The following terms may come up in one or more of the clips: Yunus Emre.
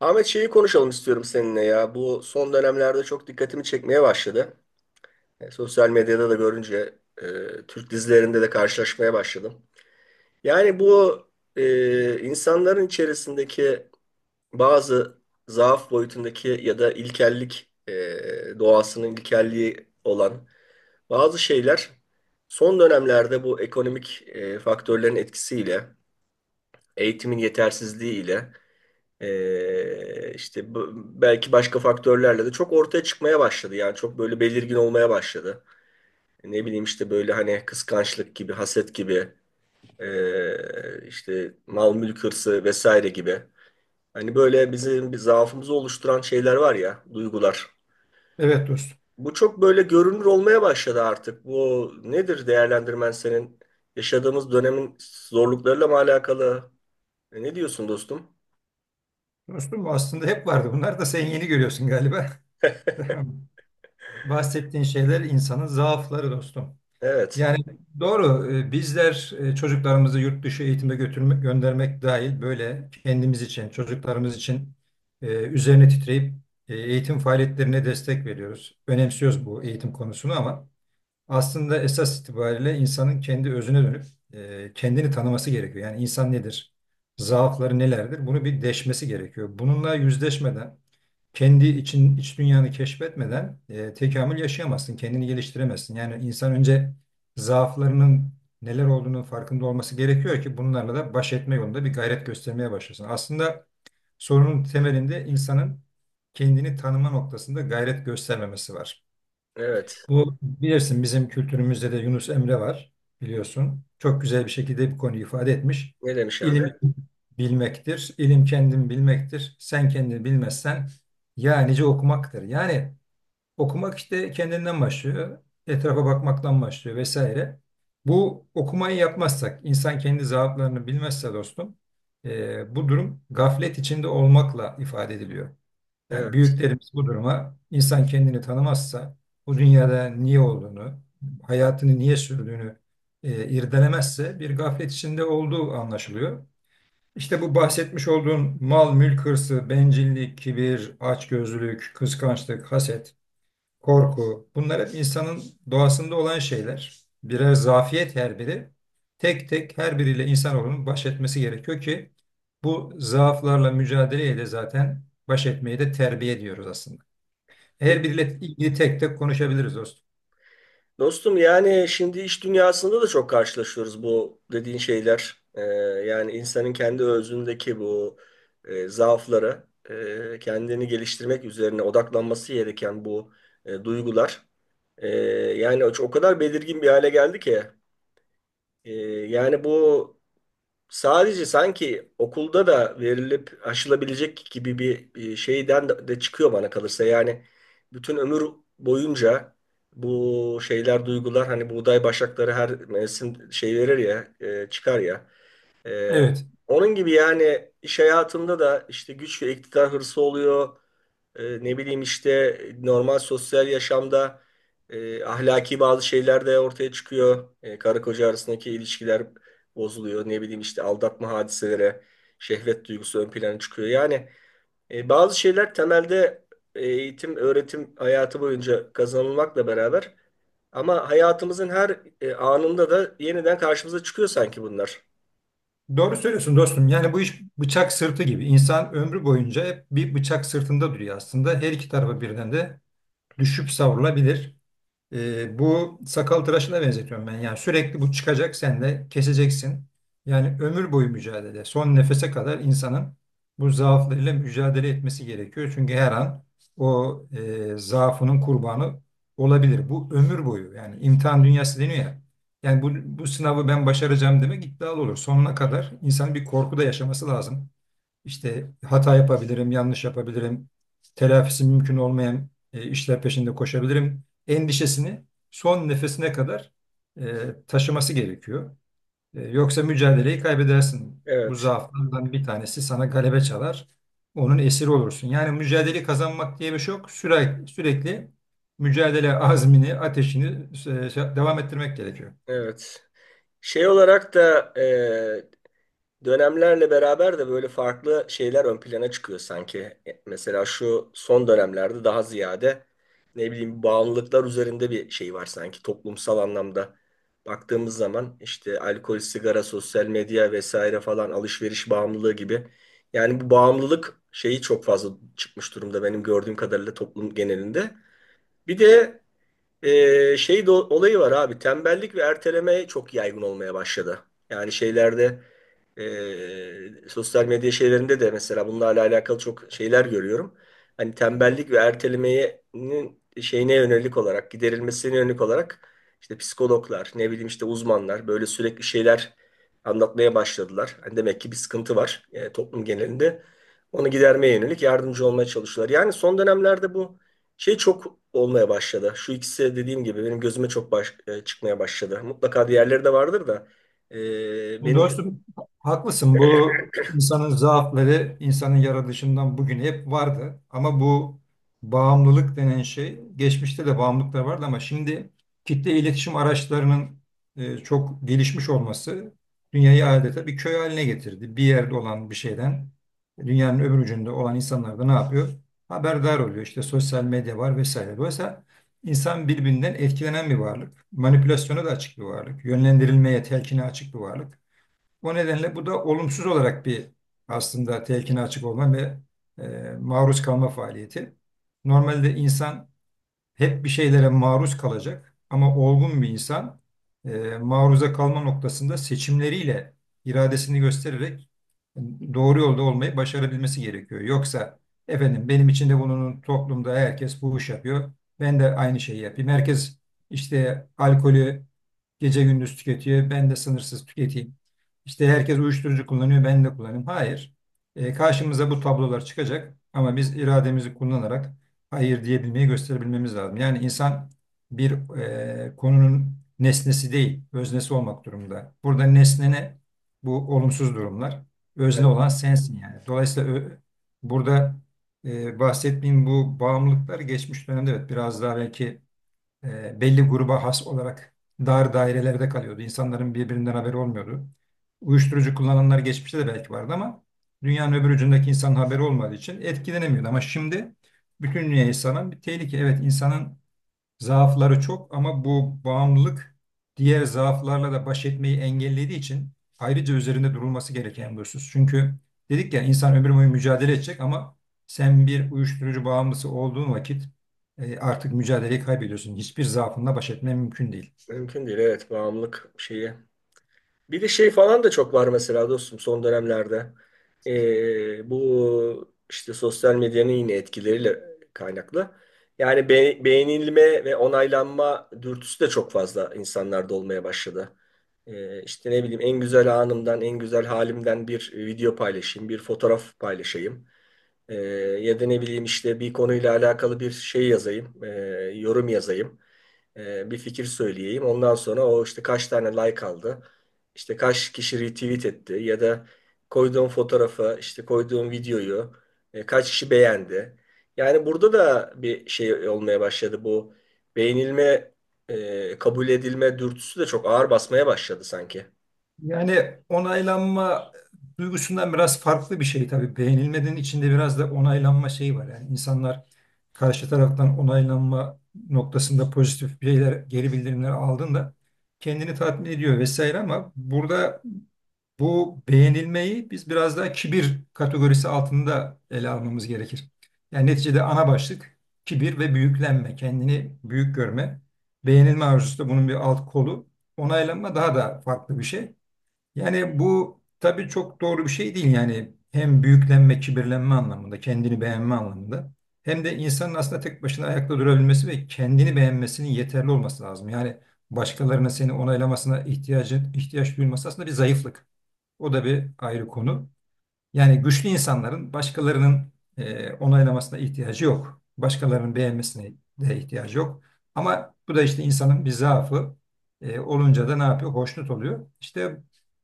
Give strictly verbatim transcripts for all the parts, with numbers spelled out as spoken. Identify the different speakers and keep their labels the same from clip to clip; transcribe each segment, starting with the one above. Speaker 1: Ahmet şeyi konuşalım istiyorum seninle ya. Bu son dönemlerde çok dikkatimi çekmeye başladı. E, sosyal medyada da görünce e, Türk dizilerinde de karşılaşmaya başladım. Yani bu e, insanların içerisindeki bazı zaaf boyutundaki ya da ilkellik e, doğasının ilkelliği olan bazı şeyler son dönemlerde bu ekonomik e, faktörlerin etkisiyle, eğitimin yetersizliğiyle Ee, işte bu- belki başka faktörlerle de çok ortaya çıkmaya başladı. Yani çok böyle belirgin olmaya başladı. Ne bileyim işte böyle hani kıskançlık gibi, haset gibi, ee, işte mal mülk hırsı vesaire gibi. Hani böyle bizim bir zaafımızı oluşturan şeyler var ya, duygular.
Speaker 2: Evet dostum.
Speaker 1: Bu çok böyle görünür olmaya başladı artık. Bu nedir değerlendirmen senin? Yaşadığımız dönemin zorluklarıyla mı alakalı? E, Ne diyorsun dostum?
Speaker 2: Dostum aslında hep vardı. Bunlar da sen yeni görüyorsun galiba. Bahsettiğin şeyler insanın zaafları dostum.
Speaker 1: Evet,
Speaker 2: Yani doğru e, bizler e, çocuklarımızı yurt dışı eğitime götürmek, göndermek dahil böyle kendimiz için, çocuklarımız için e, üzerine titreyip e, eğitim faaliyetlerine destek veriyoruz. Önemsiyoruz bu eğitim konusunu, ama Aslında esas itibariyle insanın kendi özüne dönüp e, kendini tanıması gerekiyor. Yani insan nedir? Zaafları nelerdir? Bunu bir deşmesi gerekiyor. Bununla yüzleşmeden, kendi için iç dünyanı keşfetmeden e, tekamül yaşayamazsın, kendini geliştiremezsin. Yani insan önce zaaflarının neler olduğunun farkında olması gerekiyor ki bunlarla da baş etme yolunda bir gayret göstermeye başlasın. Aslında sorunun temelinde insanın kendini tanıma noktasında gayret göstermemesi var.
Speaker 1: evet.
Speaker 2: Bu, bilirsin, bizim kültürümüzde de Yunus Emre var biliyorsun. Çok güzel bir şekilde bir konuyu ifade etmiş.
Speaker 1: Ne demiş abi?
Speaker 2: İlim bilmektir, ilim kendin bilmektir. Sen kendini bilmezsen ya nice okumaktır. Yani okumak işte kendinden başlıyor, etrafa bakmaktan başlıyor vesaire. Bu okumayı yapmazsak, insan kendi zaaflarını bilmezse dostum, eee, bu durum gaflet içinde olmakla ifade ediliyor. Yani
Speaker 1: Evet.
Speaker 2: büyüklerimiz bu duruma insan kendini tanımazsa, bu dünyada niye olduğunu, hayatını niye sürdüğünü e, irdelemezse bir gaflet içinde olduğu anlaşılıyor. İşte bu bahsetmiş olduğum mal, mülk hırsı, bencillik, kibir, açgözlülük, kıskançlık, haset, korku. Bunlar hep insanın doğasında olan şeyler. Birer zafiyet her biri. Tek tek her biriyle insanoğlunun baş etmesi gerekiyor ki bu zaaflarla mücadeleyle zaten baş etmeyi de terbiye diyoruz aslında. Her
Speaker 1: Peki,
Speaker 2: biriyle ilgili tek tek konuşabiliriz dostum.
Speaker 1: dostum yani şimdi iş dünyasında da çok karşılaşıyoruz bu dediğin şeyler. Ee, yani insanın kendi özündeki bu e, zaafları, e, kendini geliştirmek üzerine odaklanması gereken bu e, duygular. e, Yani o, o kadar belirgin bir hale geldi ki. E, Yani bu sadece sanki okulda da verilip aşılabilecek gibi bir e, şeyden de de çıkıyor bana kalırsa. Yani bütün ömür boyunca bu şeyler, duygular, hani buğday başakları her mevsim şey verir ya, e, çıkar ya. E,
Speaker 2: Evet.
Speaker 1: Onun gibi yani iş hayatında da işte güç ve iktidar hırsı oluyor. E, ne bileyim işte normal sosyal yaşamda e, ahlaki bazı şeyler de ortaya çıkıyor. E, karı koca arasındaki ilişkiler bozuluyor. Ne bileyim işte aldatma hadiselere, şehvet duygusu ön plana çıkıyor. Yani e, bazı şeyler temelde eğitim, öğretim hayatı boyunca kazanılmakla beraber ama hayatımızın her e, anında da yeniden karşımıza çıkıyor sanki bunlar.
Speaker 2: Doğru söylüyorsun dostum. Yani bu iş bıçak sırtı gibi. İnsan ömrü boyunca hep bir bıçak sırtında duruyor aslında. Her iki tarafa birden de düşüp savrulabilir. E, bu sakal tıraşına benzetiyorum ben. Yani sürekli bu çıkacak, sen de keseceksin. Yani ömür boyu mücadele. Son nefese kadar insanın bu zaaflarıyla mücadele etmesi gerekiyor. Çünkü her an o e, zaafının kurbanı olabilir. Bu ömür boyu. Yani imtihan dünyası deniyor ya. Yani bu, bu sınavı ben başaracağım demek iddialı olur. Sonuna kadar insanın bir korku da yaşaması lazım. İşte hata yapabilirim, yanlış yapabilirim, telafisi mümkün olmayan e, işler peşinde koşabilirim endişesini son nefesine kadar e, taşıması gerekiyor. E, yoksa mücadeleyi kaybedersin. Bu
Speaker 1: Evet,
Speaker 2: zaaflardan bir tanesi sana galebe çalar. Onun esiri olursun. Yani mücadele kazanmak diye bir şey yok. Sürekli, sürekli mücadele azmini, ateşini e, şey, devam ettirmek gerekiyor.
Speaker 1: evet. Şey olarak da e, dönemlerle beraber de böyle farklı şeyler ön plana çıkıyor sanki. E, Mesela şu son dönemlerde daha ziyade ne bileyim bağımlılıklar üzerinde bir şey var sanki toplumsal anlamda. Baktığımız zaman işte alkol, sigara, sosyal medya vesaire falan alışveriş bağımlılığı gibi. Yani bu bağımlılık şeyi çok fazla çıkmış durumda benim gördüğüm kadarıyla toplum genelinde. Bir de ee, şey de, olayı var abi, tembellik ve erteleme çok yaygın olmaya başladı. Yani şeylerde e, sosyal medya şeylerinde de mesela bunlarla alakalı çok şeyler görüyorum. Hani tembellik ve ertelemenin şeyine yönelik olarak giderilmesine yönelik olarak işte psikologlar ne bileyim işte uzmanlar böyle sürekli şeyler anlatmaya başladılar. Hani demek ki bir sıkıntı var e, toplum genelinde. Onu gidermeye yönelik yardımcı olmaya çalışıyorlar. Yani son dönemlerde bu şey çok olmaya başladı. Şu ikisi dediğim gibi benim gözüme çok baş, e, çıkmaya başladı. Mutlaka diğerleri de vardır da e, benim
Speaker 2: Dostum haklısın, bu insanın zaafları insanın yaratılışından bugün hep vardı, ama bu bağımlılık denen şey, geçmişte de bağımlılıklar vardı ama şimdi kitle iletişim araçlarının e, çok gelişmiş olması dünyayı adeta bir köy haline getirdi. Bir yerde olan bir şeyden dünyanın öbür ucunda olan insanlar da ne yapıyor? Haberdar oluyor. İşte sosyal medya var vesaire. Dolayısıyla insan birbirinden etkilenen bir varlık, manipülasyona da açık bir varlık, yönlendirilmeye, telkine açık bir varlık. O nedenle bu da olumsuz olarak bir, aslında telkine açık olma ve e, maruz kalma faaliyeti. Normalde insan hep bir şeylere maruz kalacak ama olgun bir insan e, maruza kalma noktasında seçimleriyle iradesini göstererek e, doğru yolda olmayı başarabilmesi gerekiyor. Yoksa efendim benim için de bunun toplumda herkes bu iş yapıyor. Ben de aynı şeyi yapayım. Herkes işte alkolü gece gündüz tüketiyor. Ben de sınırsız tüketeyim. İşte herkes uyuşturucu kullanıyor. Ben de kullanayım. Hayır. E, karşımıza bu tablolar çıkacak ama biz irademizi kullanarak hayır diyebilmeyi gösterebilmemiz lazım. Yani insan bir e, konunun nesnesi değil, öznesi olmak durumunda. Burada nesne ne? Bu olumsuz durumlar. Özne olan sensin yani. Dolayısıyla ö- burada e, bahsettiğim bu bağımlılıklar geçmiş dönemde, evet, biraz daha belki e, belli gruba has olarak dar dairelerde kalıyordu. İnsanların birbirinden haberi olmuyordu. Uyuşturucu kullananlar geçmişte de belki vardı ama dünyanın öbür ucundaki insanın haberi olmadığı için etkilenemiyordu. Ama şimdi bütün dünya insanın bir tehlike. Evet, insanın zaafları çok ama bu bağımlılık diğer zaaflarla da baş etmeyi engellediği için ayrıca üzerinde durulması gereken bir husus. Çünkü dedik ya insan ömür boyu mücadele edecek ama sen bir uyuşturucu bağımlısı olduğun vakit e, artık mücadeleyi kaybediyorsun. Hiçbir zaafınla baş etmen mümkün değil.
Speaker 1: mümkün değil. Evet, bağımlılık şeyi. Bir de şey falan da çok var mesela dostum son dönemlerde. Ee, bu işte sosyal medyanın yine etkileriyle kaynaklı. Yani be- beğenilme ve onaylanma dürtüsü de çok fazla insanlarda olmaya başladı. Ee, işte ne bileyim en güzel anımdan, en güzel halimden bir video paylaşayım, bir fotoğraf paylaşayım. Ee, Ya da ne bileyim işte bir konuyla alakalı bir şey yazayım, ee, yorum yazayım, e, bir fikir söyleyeyim. Ondan sonra o işte kaç tane like aldı, işte kaç kişi retweet etti ya da koyduğum fotoğrafı, işte koyduğum videoyu e, kaç kişi beğendi. Yani burada da bir şey olmaya başladı, bu beğenilme, e, kabul edilme dürtüsü de çok ağır basmaya başladı sanki.
Speaker 2: Yani onaylanma duygusundan biraz farklı bir şey tabii. Beğenilmenin içinde biraz da onaylanma şeyi var. Yani insanlar karşı taraftan onaylanma noktasında pozitif şeyler, geri bildirimler aldığında kendini tatmin ediyor vesaire, ama burada bu beğenilmeyi biz biraz daha kibir kategorisi altında ele almamız gerekir. Yani neticede ana başlık kibir ve büyüklenme, kendini büyük görme. Beğenilme arzusu da bunun bir alt kolu. Onaylanma daha da farklı bir şey. Yani bu tabii çok doğru bir şey değil, yani hem büyüklenme, kibirlenme anlamında, kendini beğenme anlamında, hem de insanın aslında tek başına ayakta durabilmesi ve kendini beğenmesinin yeterli olması lazım. Yani başkalarının seni onaylamasına ihtiyacın ihtiyaç duyulması aslında bir zayıflık. O da bir ayrı konu. Yani güçlü insanların başkalarının e, onaylamasına ihtiyacı yok. Başkalarının beğenmesine de ihtiyacı yok. Ama bu da işte insanın bir zaafı. E, olunca da ne yapıyor? Hoşnut oluyor. İşte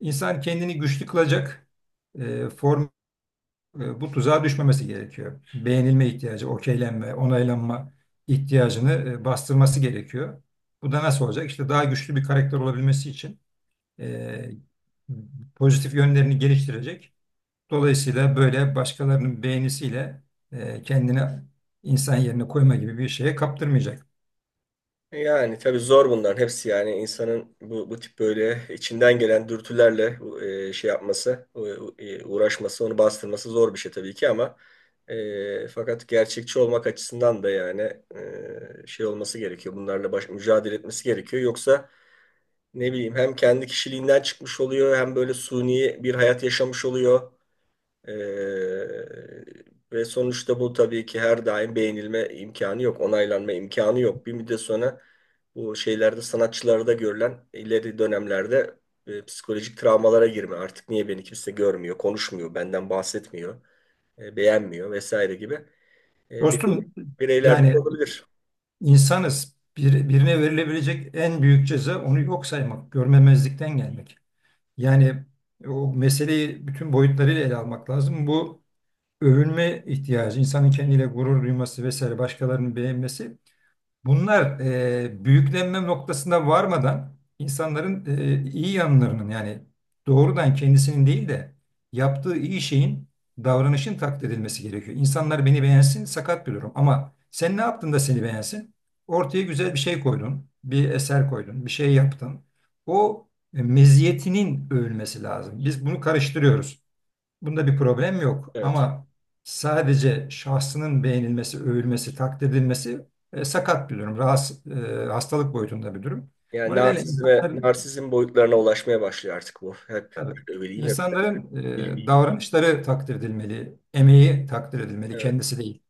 Speaker 2: insan kendini güçlü kılacak e, form e, bu tuzağa düşmemesi gerekiyor. Beğenilme ihtiyacı, okeylenme, onaylanma ihtiyacını e, bastırması gerekiyor. Bu da nasıl olacak? İşte daha güçlü bir karakter olabilmesi için e, pozitif yönlerini geliştirecek. Dolayısıyla böyle başkalarının beğenisiyle e, kendini insan yerine koyma gibi bir şeye kaptırmayacak.
Speaker 1: Yani tabii zor bunların hepsi, yani insanın bu, bu tip böyle içinden gelen dürtülerle e, şey yapması, e, uğraşması, onu bastırması zor bir şey tabii ki ama e, fakat gerçekçi olmak açısından da yani e, şey olması gerekiyor. Bunlarla baş, mücadele etmesi gerekiyor. Yoksa ne bileyim hem kendi kişiliğinden çıkmış oluyor hem böyle suni bir hayat yaşamış oluyor. Ee, Ve sonuçta bu tabii ki her daim beğenilme imkanı yok, onaylanma imkanı yok. Bir müddet sonra bu şeylerde sanatçılarda görülen ileri dönemlerde e, psikolojik travmalara girme. Artık niye beni kimse görmüyor, konuşmuyor, benden bahsetmiyor, e, beğenmiyor vesaire gibi e, birey-
Speaker 2: Dostum,
Speaker 1: bireylerden
Speaker 2: yani
Speaker 1: olabilir.
Speaker 2: insanız. Bir, birine verilebilecek en büyük ceza onu yok saymak, görmemezlikten gelmek. Yani o meseleyi bütün boyutlarıyla ele almak lazım. Bu övünme ihtiyacı, insanın kendiyle gurur duyması vesaire, başkalarının beğenmesi. Bunlar e, büyüklenme noktasında varmadan insanların e, iyi yanlarının, yani doğrudan kendisinin değil de yaptığı iyi şeyin, davranışın takdir edilmesi gerekiyor. İnsanlar beni beğensin sakat bir durum, ama sen ne yaptın da seni beğensin? Ortaya güzel bir şey koydun, bir eser koydun, bir şey yaptın. O e, meziyetinin övülmesi lazım. Biz bunu karıştırıyoruz. Bunda bir problem yok,
Speaker 1: Evet.
Speaker 2: ama sadece şahsının beğenilmesi, övülmesi, takdir edilmesi e, sakat bir durum. Rahatsız, e, hastalık boyutunda bir durum.
Speaker 1: Yani
Speaker 2: O nedenle
Speaker 1: narsizme,
Speaker 2: insanların,
Speaker 1: narsizm boyutlarına ulaşmaya başlıyor artık bu. Hep
Speaker 2: tabii,
Speaker 1: ben öyleyim, hep
Speaker 2: insanların e,
Speaker 1: bilmeyeyim.
Speaker 2: davranışları takdir edilmeli, emeği takdir edilmeli,
Speaker 1: Evet,
Speaker 2: kendisi değil.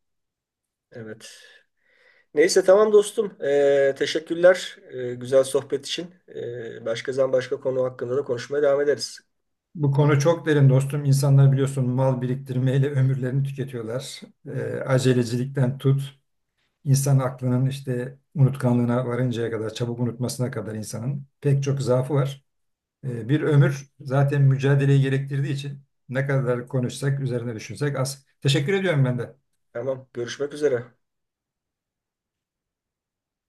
Speaker 1: evet. Neyse tamam dostum. Ee, teşekkürler ee, güzel sohbet için. Ee, başka zaman başka konu hakkında da konuşmaya devam ederiz.
Speaker 2: Bu konu çok derin dostum. İnsanlar biliyorsun mal biriktirmeyle ömürlerini tüketiyorlar. E, acelecilikten tut, insan aklının işte unutkanlığına varıncaya kadar, çabuk unutmasına kadar insanın pek çok zaafı var. E, bir ömür zaten mücadeleyi gerektirdiği için ne kadar konuşsak, üzerine düşünsek az. Teşekkür ediyorum ben de.
Speaker 1: Tamam, görüşmek üzere.